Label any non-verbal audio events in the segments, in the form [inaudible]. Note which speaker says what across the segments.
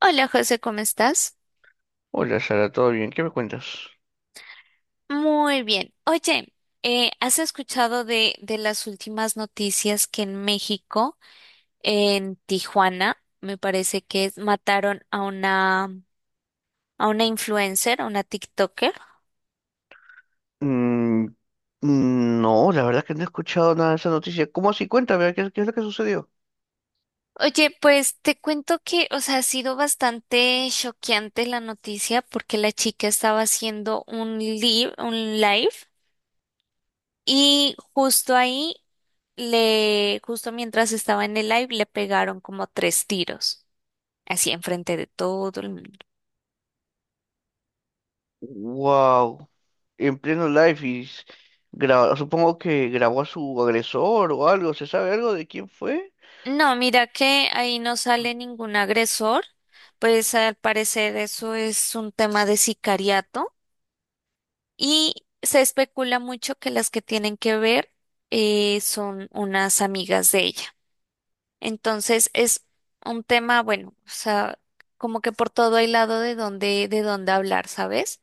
Speaker 1: Hola José, ¿cómo estás?
Speaker 2: Hola Sara, ¿todo bien? ¿Qué me cuentas?
Speaker 1: Muy bien. Oye, ¿has escuchado de las últimas noticias que en México, en Tijuana, me parece que mataron a una influencer, a una TikToker?
Speaker 2: Mm, no, la verdad que no he escuchado nada de esa noticia. ¿Cómo así? Cuéntame, qué es lo que sucedió?
Speaker 1: Oye, pues te cuento que, o sea, ha sido bastante choqueante la noticia porque la chica estaba haciendo un live y justo ahí justo mientras estaba en el live, le pegaron como tres tiros, así enfrente de todo el mundo.
Speaker 2: Wow, en pleno live supongo que grabó a su agresor o algo, ¿se sabe algo de quién fue?
Speaker 1: No, mira que ahí no sale ningún agresor, pues al parecer eso es un tema de sicariato y se especula mucho que las que tienen que ver, son unas amigas de ella. Entonces es un tema, bueno, o sea, como que por todo hay lado de donde hablar, ¿sabes?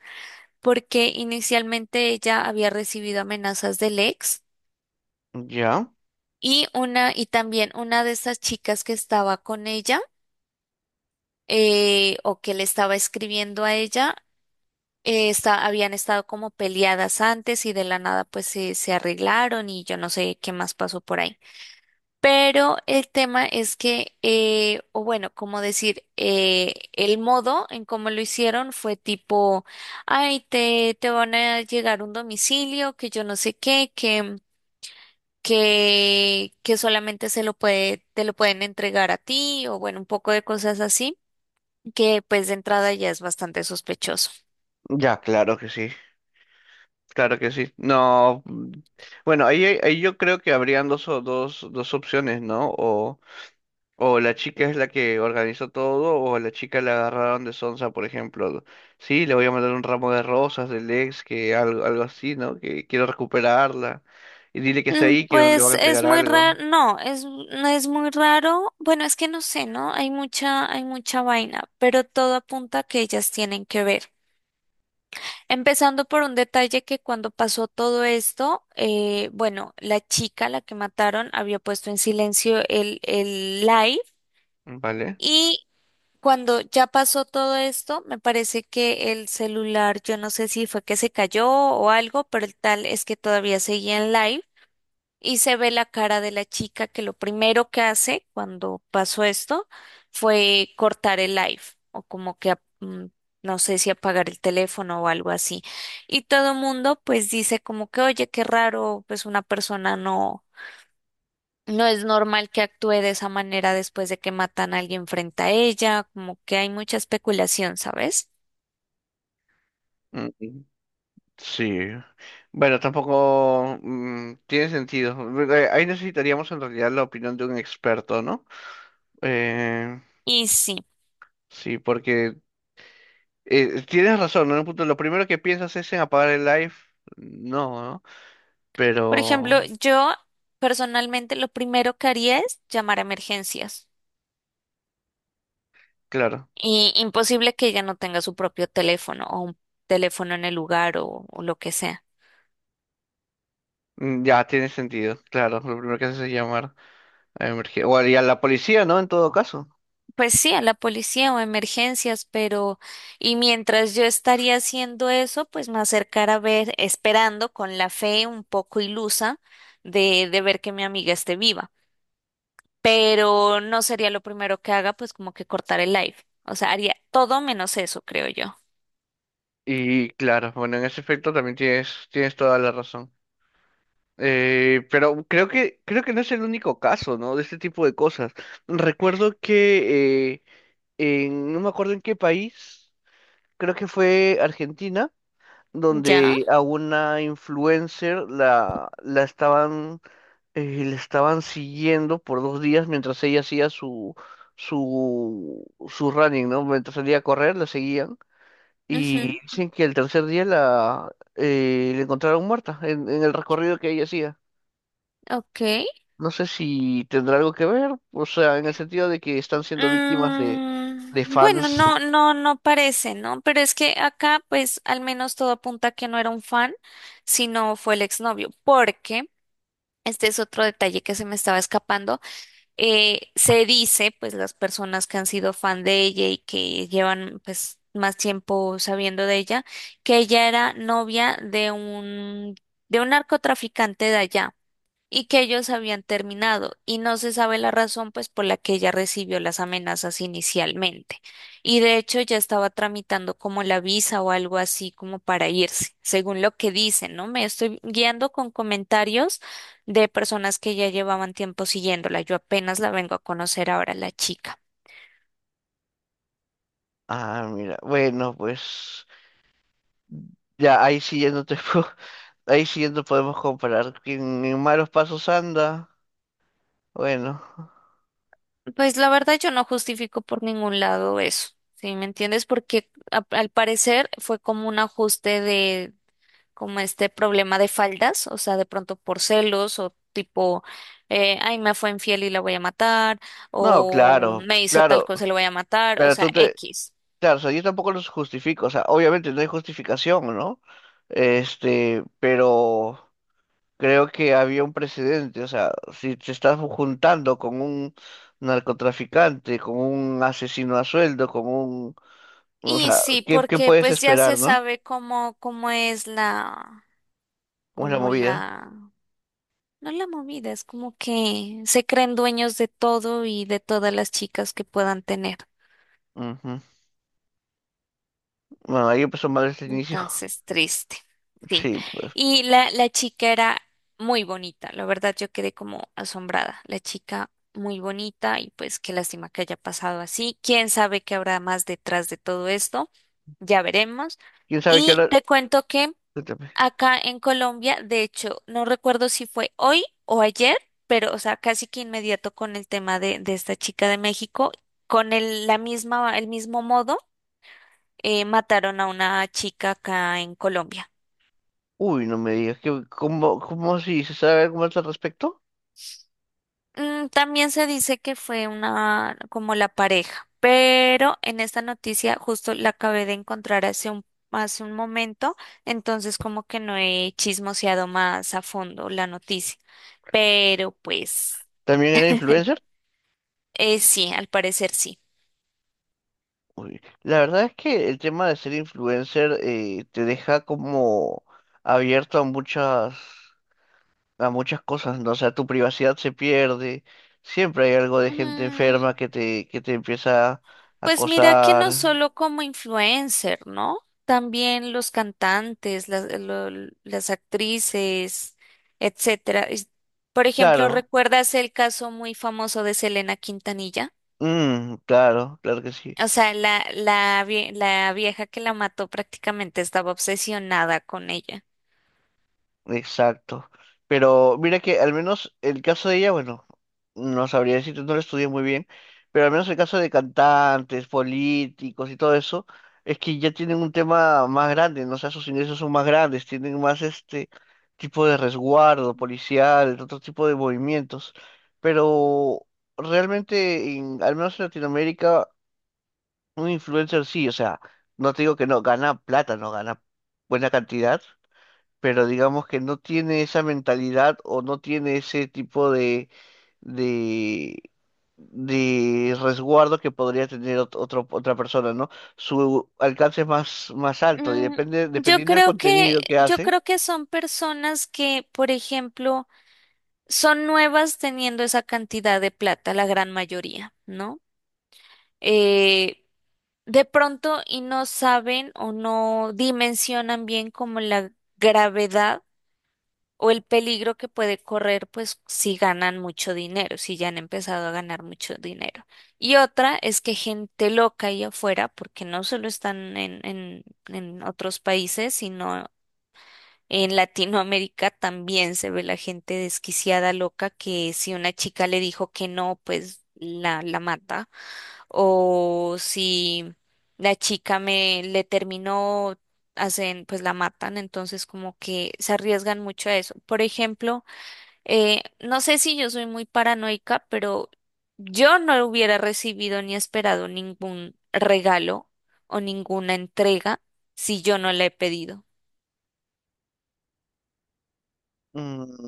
Speaker 1: Porque inicialmente ella había recibido amenazas del ex.
Speaker 2: Ya,
Speaker 1: Y también una de esas chicas que estaba con ella, o que le estaba escribiendo a ella, habían estado como peleadas antes y de la nada pues se arreglaron y yo no sé qué más pasó por ahí. Pero el tema es que, o bueno, como decir, el modo en cómo lo hicieron fue tipo, ay, te van a llegar un domicilio, que yo no sé qué, que solamente se lo te lo pueden entregar a ti o bueno, un poco de cosas así, que pues de entrada ya es bastante sospechoso.
Speaker 2: ya, claro que sí, claro que sí. No, mm, bueno, ahí yo creo que habrían dos, dos opciones, ¿no? O la chica es la que organizó todo, o a la chica la agarraron de sonsa, por ejemplo. Sí, le voy a mandar un ramo de rosas del ex, que algo, algo así, ¿no? Que quiero recuperarla. Y dile que está
Speaker 1: Mm,
Speaker 2: ahí, que le van
Speaker 1: pues
Speaker 2: a
Speaker 1: es
Speaker 2: entregar
Speaker 1: muy
Speaker 2: algo.
Speaker 1: raro, no, no es muy raro, bueno, es que no sé, ¿no? Hay mucha vaina, pero todo apunta a que ellas tienen que ver. Empezando por un detalle que cuando pasó todo esto, bueno, la chica, la que mataron, había puesto en silencio el live.
Speaker 2: ¿Vale?
Speaker 1: y Cuando ya pasó todo esto, me parece que el celular, yo no sé si fue que se cayó o algo, pero el tal es que todavía seguía en live y se ve la cara de la chica que lo primero que hace cuando pasó esto fue cortar el live o como que no sé si apagar el teléfono o algo así. Y todo el mundo pues dice como que, oye, qué raro, pues una persona no. No es normal que actúe de esa manera después de que matan a alguien frente a ella, como que hay mucha especulación, ¿sabes?
Speaker 2: Mm, sí. Bueno, tampoco tiene sentido. Bueno, ahí necesitaríamos en realidad la opinión de un experto, ¿no? Eh,
Speaker 1: Y sí,
Speaker 2: sí, porque tienes razón, ¿no? En un punto, lo primero que piensas es en apagar el live. No, ¿no?
Speaker 1: por
Speaker 2: Pero.
Speaker 1: ejemplo, yo personalmente lo primero que haría es llamar a emergencias.
Speaker 2: Claro,
Speaker 1: Y imposible que ella no tenga su propio teléfono o un teléfono en el lugar o lo que sea.
Speaker 2: mm, ya tiene sentido, claro, lo primero que haces es llamar a emergencia, y a la policía, ¿no? En todo caso.
Speaker 1: Pues sí, a la policía o a emergencias, pero y mientras yo estaría haciendo eso, pues me acercara a ver, esperando con la fe un poco ilusa de ver que mi amiga esté viva. Pero no sería lo primero que haga, pues como que cortar el live. O sea, haría todo menos eso, creo yo.
Speaker 2: Y claro, bueno, en ese aspecto también tienes toda la razón. Pero creo que no es el único caso, ¿no? De este tipo de cosas. Recuerdo que no me acuerdo en qué país, creo que fue Argentina,
Speaker 1: ¿Ya?
Speaker 2: donde a una influencer la estaban le estaban siguiendo por dos días mientras ella hacía su running, ¿no? Mientras salía a correr, la seguían. Y
Speaker 1: Ujú,
Speaker 2: dicen que el tercer día la encontraron muerta en el recorrido que ella hacía.
Speaker 1: ok.
Speaker 2: No sé si tendrá algo que ver, o sea, en el sentido de que están siendo víctimas de
Speaker 1: Mm, bueno,
Speaker 2: fans.
Speaker 1: no parece, ¿no? Pero es que acá, pues, al menos todo apunta a que no era un fan, sino fue el exnovio, porque este es otro detalle que se me estaba escapando. Se dice, pues las personas que han sido fan de ella y que llevan pues más tiempo sabiendo de ella, que ella era novia de un narcotraficante de allá y que ellos habían terminado y no se sabe la razón pues por la que ella recibió las amenazas inicialmente. Y de hecho ya estaba tramitando como la visa o algo así como para irse, según lo que dicen, ¿no? Me estoy guiando con comentarios de personas que ya llevaban tiempo siguiéndola. Yo apenas la vengo a conocer ahora la chica.
Speaker 2: Ah, mira, bueno, pues ya ahí sí ya no te puedo- [laughs] ahí sí ya no podemos comparar. Quien en malos pasos anda, bueno.
Speaker 1: Pues la verdad yo no justifico por ningún lado eso. ¿Sí me entiendes? Porque al parecer fue como un ajuste como este problema de faldas, o sea, de pronto por celos o tipo, ay, me fue infiel y la voy a matar,
Speaker 2: No,
Speaker 1: o
Speaker 2: claro,
Speaker 1: me hizo tal
Speaker 2: claro.
Speaker 1: cosa y la voy a matar, o
Speaker 2: Pero
Speaker 1: sea, X.
Speaker 2: claro, o sea, yo tampoco los justifico, o sea, obviamente no hay justificación, ¿no? Este, pero creo que había un precedente, o sea, si te estás juntando con un narcotraficante, con un asesino a sueldo, con un, o
Speaker 1: Y
Speaker 2: sea,
Speaker 1: sí,
Speaker 2: ¿qué, qué
Speaker 1: porque
Speaker 2: puedes
Speaker 1: pues ya se
Speaker 2: esperar, no?
Speaker 1: sabe cómo es la,
Speaker 2: ¿Cómo es la
Speaker 1: como
Speaker 2: movida?
Speaker 1: la, no la movida, es como que se creen dueños de todo y de todas las chicas que puedan tener.
Speaker 2: Ujú. Bueno, ahí empezó mal este inicio. [laughs]
Speaker 1: Entonces, triste. Sí.
Speaker 2: Sí, pues,
Speaker 1: Y la chica era muy bonita. La verdad, yo quedé como asombrada. La chica muy bonita y pues qué lástima que haya pasado así. ¿Quién sabe qué habrá más detrás de todo esto? Ya veremos.
Speaker 2: quién sabe qué
Speaker 1: Y
Speaker 2: hora.
Speaker 1: te cuento que
Speaker 2: Cuéntame.
Speaker 1: acá en Colombia, de hecho, no recuerdo si fue hoy o ayer, pero o sea, casi que inmediato con el tema de esta chica de México, con el mismo modo, mataron a una chica acá en Colombia.
Speaker 2: Uy, no me digas, ¿qué, cómo, cómo si se sabe algo más al respecto?
Speaker 1: Mm, también se dice que fue una como la pareja, pero en esta noticia justo la acabé de encontrar hace un momento, entonces como que no he chismoseado más a fondo la noticia, pero pues
Speaker 2: ¿También era influencer?
Speaker 1: sí, al parecer sí.
Speaker 2: Uy, la verdad es que el tema de ser influencer te deja como abierto a muchas cosas, ¿no? O sea, tu privacidad se pierde, siempre hay algo de gente
Speaker 1: Mm,
Speaker 2: enferma que te empieza a
Speaker 1: pues mira que no
Speaker 2: acosar.
Speaker 1: solo como influencer, ¿no? También los cantantes, las actrices, etcétera. Por ejemplo,
Speaker 2: Claro,
Speaker 1: ¿recuerdas el caso muy famoso de Selena Quintanilla?
Speaker 2: mm, claro, claro que sí.
Speaker 1: O sea, la vieja que la mató prácticamente estaba obsesionada con ella.
Speaker 2: Exacto. Pero mira que al menos el caso de ella, bueno, no sabría decirte, no lo estudié muy bien, pero al menos el caso de cantantes, políticos y todo eso, es que ya tienen un tema más grande, ¿no? O sea, sus ingresos son más grandes, tienen más este tipo de resguardo policial, otro tipo de movimientos. Pero realmente, al menos en Latinoamérica, un influencer sí, o sea, no te digo que no, gana plata, no gana buena cantidad pero digamos que no tiene esa mentalidad o no tiene ese tipo de, de resguardo que podría tener otra persona, ¿no? Su alcance es más, más alto y
Speaker 1: Mm,
Speaker 2: depende,
Speaker 1: yo
Speaker 2: dependiendo del
Speaker 1: creo que,
Speaker 2: contenido que
Speaker 1: yo
Speaker 2: hace.
Speaker 1: creo que son personas que, por ejemplo, son nuevas teniendo esa cantidad de plata, la gran mayoría, ¿no? eh, de pronto y no saben o no dimensionan bien como la gravedad o el peligro que puede correr, pues si ganan mucho dinero, si ya han empezado a ganar mucho dinero. Y otra es que gente loca ahí afuera, porque no solo están en otros países, sino en Latinoamérica también se ve la gente desquiciada, loca, que si una chica le dijo que no, pues la mata. O si la chica me le terminó, hacen, pues la matan. Entonces como que se arriesgan mucho a eso. Por ejemplo, no sé si yo soy muy paranoica, pero yo no hubiera recibido ni esperado ningún regalo o ninguna entrega si yo no la he pedido.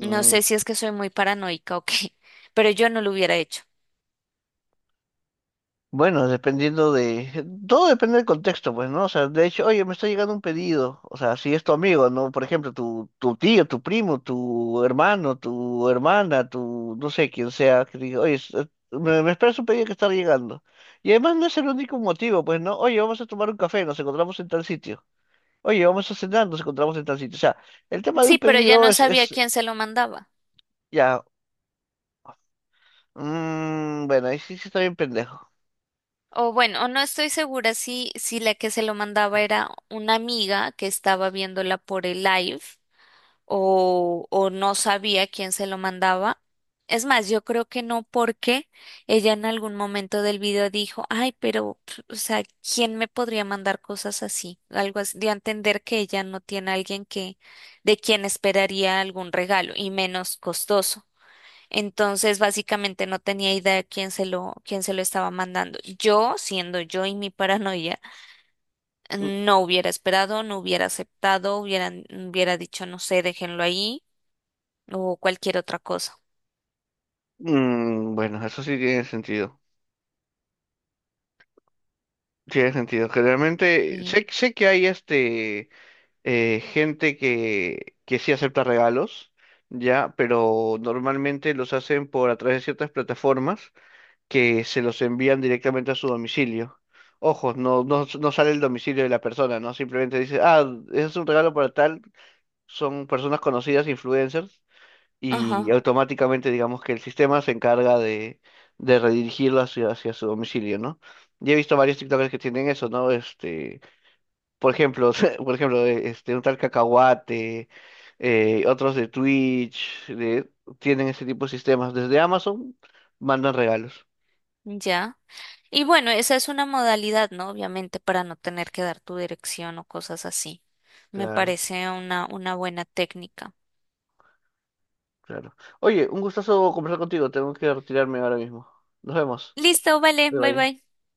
Speaker 1: No sé si es que soy muy paranoica o qué, [laughs] pero yo no lo hubiera hecho.
Speaker 2: bueno, dependiendo de... Todo depende del contexto, pues, ¿no? O sea, de hecho, oye, me está llegando un pedido. O sea, si es tu amigo, ¿no? Por ejemplo, tu tío, tu primo, tu hermano, tu hermana, tu... no sé, quién sea, que diga, oye, me esperas un pedido que está llegando. Y además no es el único motivo, pues, ¿no? Oye, vamos a tomar un café, nos encontramos en tal sitio. Oye, vamos a cenar, nos encontramos en tal sitio. O sea, el tema de
Speaker 1: Sí,
Speaker 2: un
Speaker 1: pero ya
Speaker 2: pedido
Speaker 1: no sabía
Speaker 2: es,
Speaker 1: quién se lo mandaba.
Speaker 2: ya... mm, bueno, ahí sí, sí está bien pendejo.
Speaker 1: O bueno, o no estoy segura si la que se lo mandaba era una amiga que estaba viéndola por el live o no sabía quién se lo mandaba. Es más, yo creo que no porque ella en algún momento del video dijo, ay, pero, pf, o sea, ¿quién me podría mandar cosas así? Algo así, de entender que ella no tiene a alguien que, de quien esperaría algún regalo y menos costoso. Entonces, básicamente no tenía idea de quién se lo estaba mandando. Yo, siendo yo y mi paranoia, no hubiera esperado, no hubiera aceptado, hubiera dicho, no sé, déjenlo ahí o cualquier otra cosa.
Speaker 2: Mm, bueno, eso sí tiene sentido. Tiene sentido. Generalmente,
Speaker 1: Sí,
Speaker 2: sé que hay gente que sí acepta regalos, ya, pero normalmente los hacen por a través de ciertas plataformas que se los envían directamente a su domicilio. Ojo, no sale el domicilio de la persona, ¿no? Simplemente dice, ah, ese es un regalo para tal, son personas conocidas, influencers, y
Speaker 1: ajá,
Speaker 2: automáticamente digamos que el sistema se encarga de redirigirlo hacia, hacia su domicilio, ¿no? Y he visto varios TikTokers que tienen eso, ¿no? Este, por ejemplo, [laughs] por ejemplo, un tal Cacahuate, otros de Twitch, tienen ese tipo de sistemas. Desde Amazon mandan regalos.
Speaker 1: ya. Y bueno, esa es una modalidad, ¿no? Obviamente para no tener que dar tu dirección o cosas así. Me
Speaker 2: Claro,
Speaker 1: parece una buena técnica.
Speaker 2: claro. Oye, un gustazo conversar contigo. Tengo que retirarme ahora mismo. Nos vemos.
Speaker 1: Listo, vale,
Speaker 2: Bye
Speaker 1: bye
Speaker 2: bye.
Speaker 1: bye.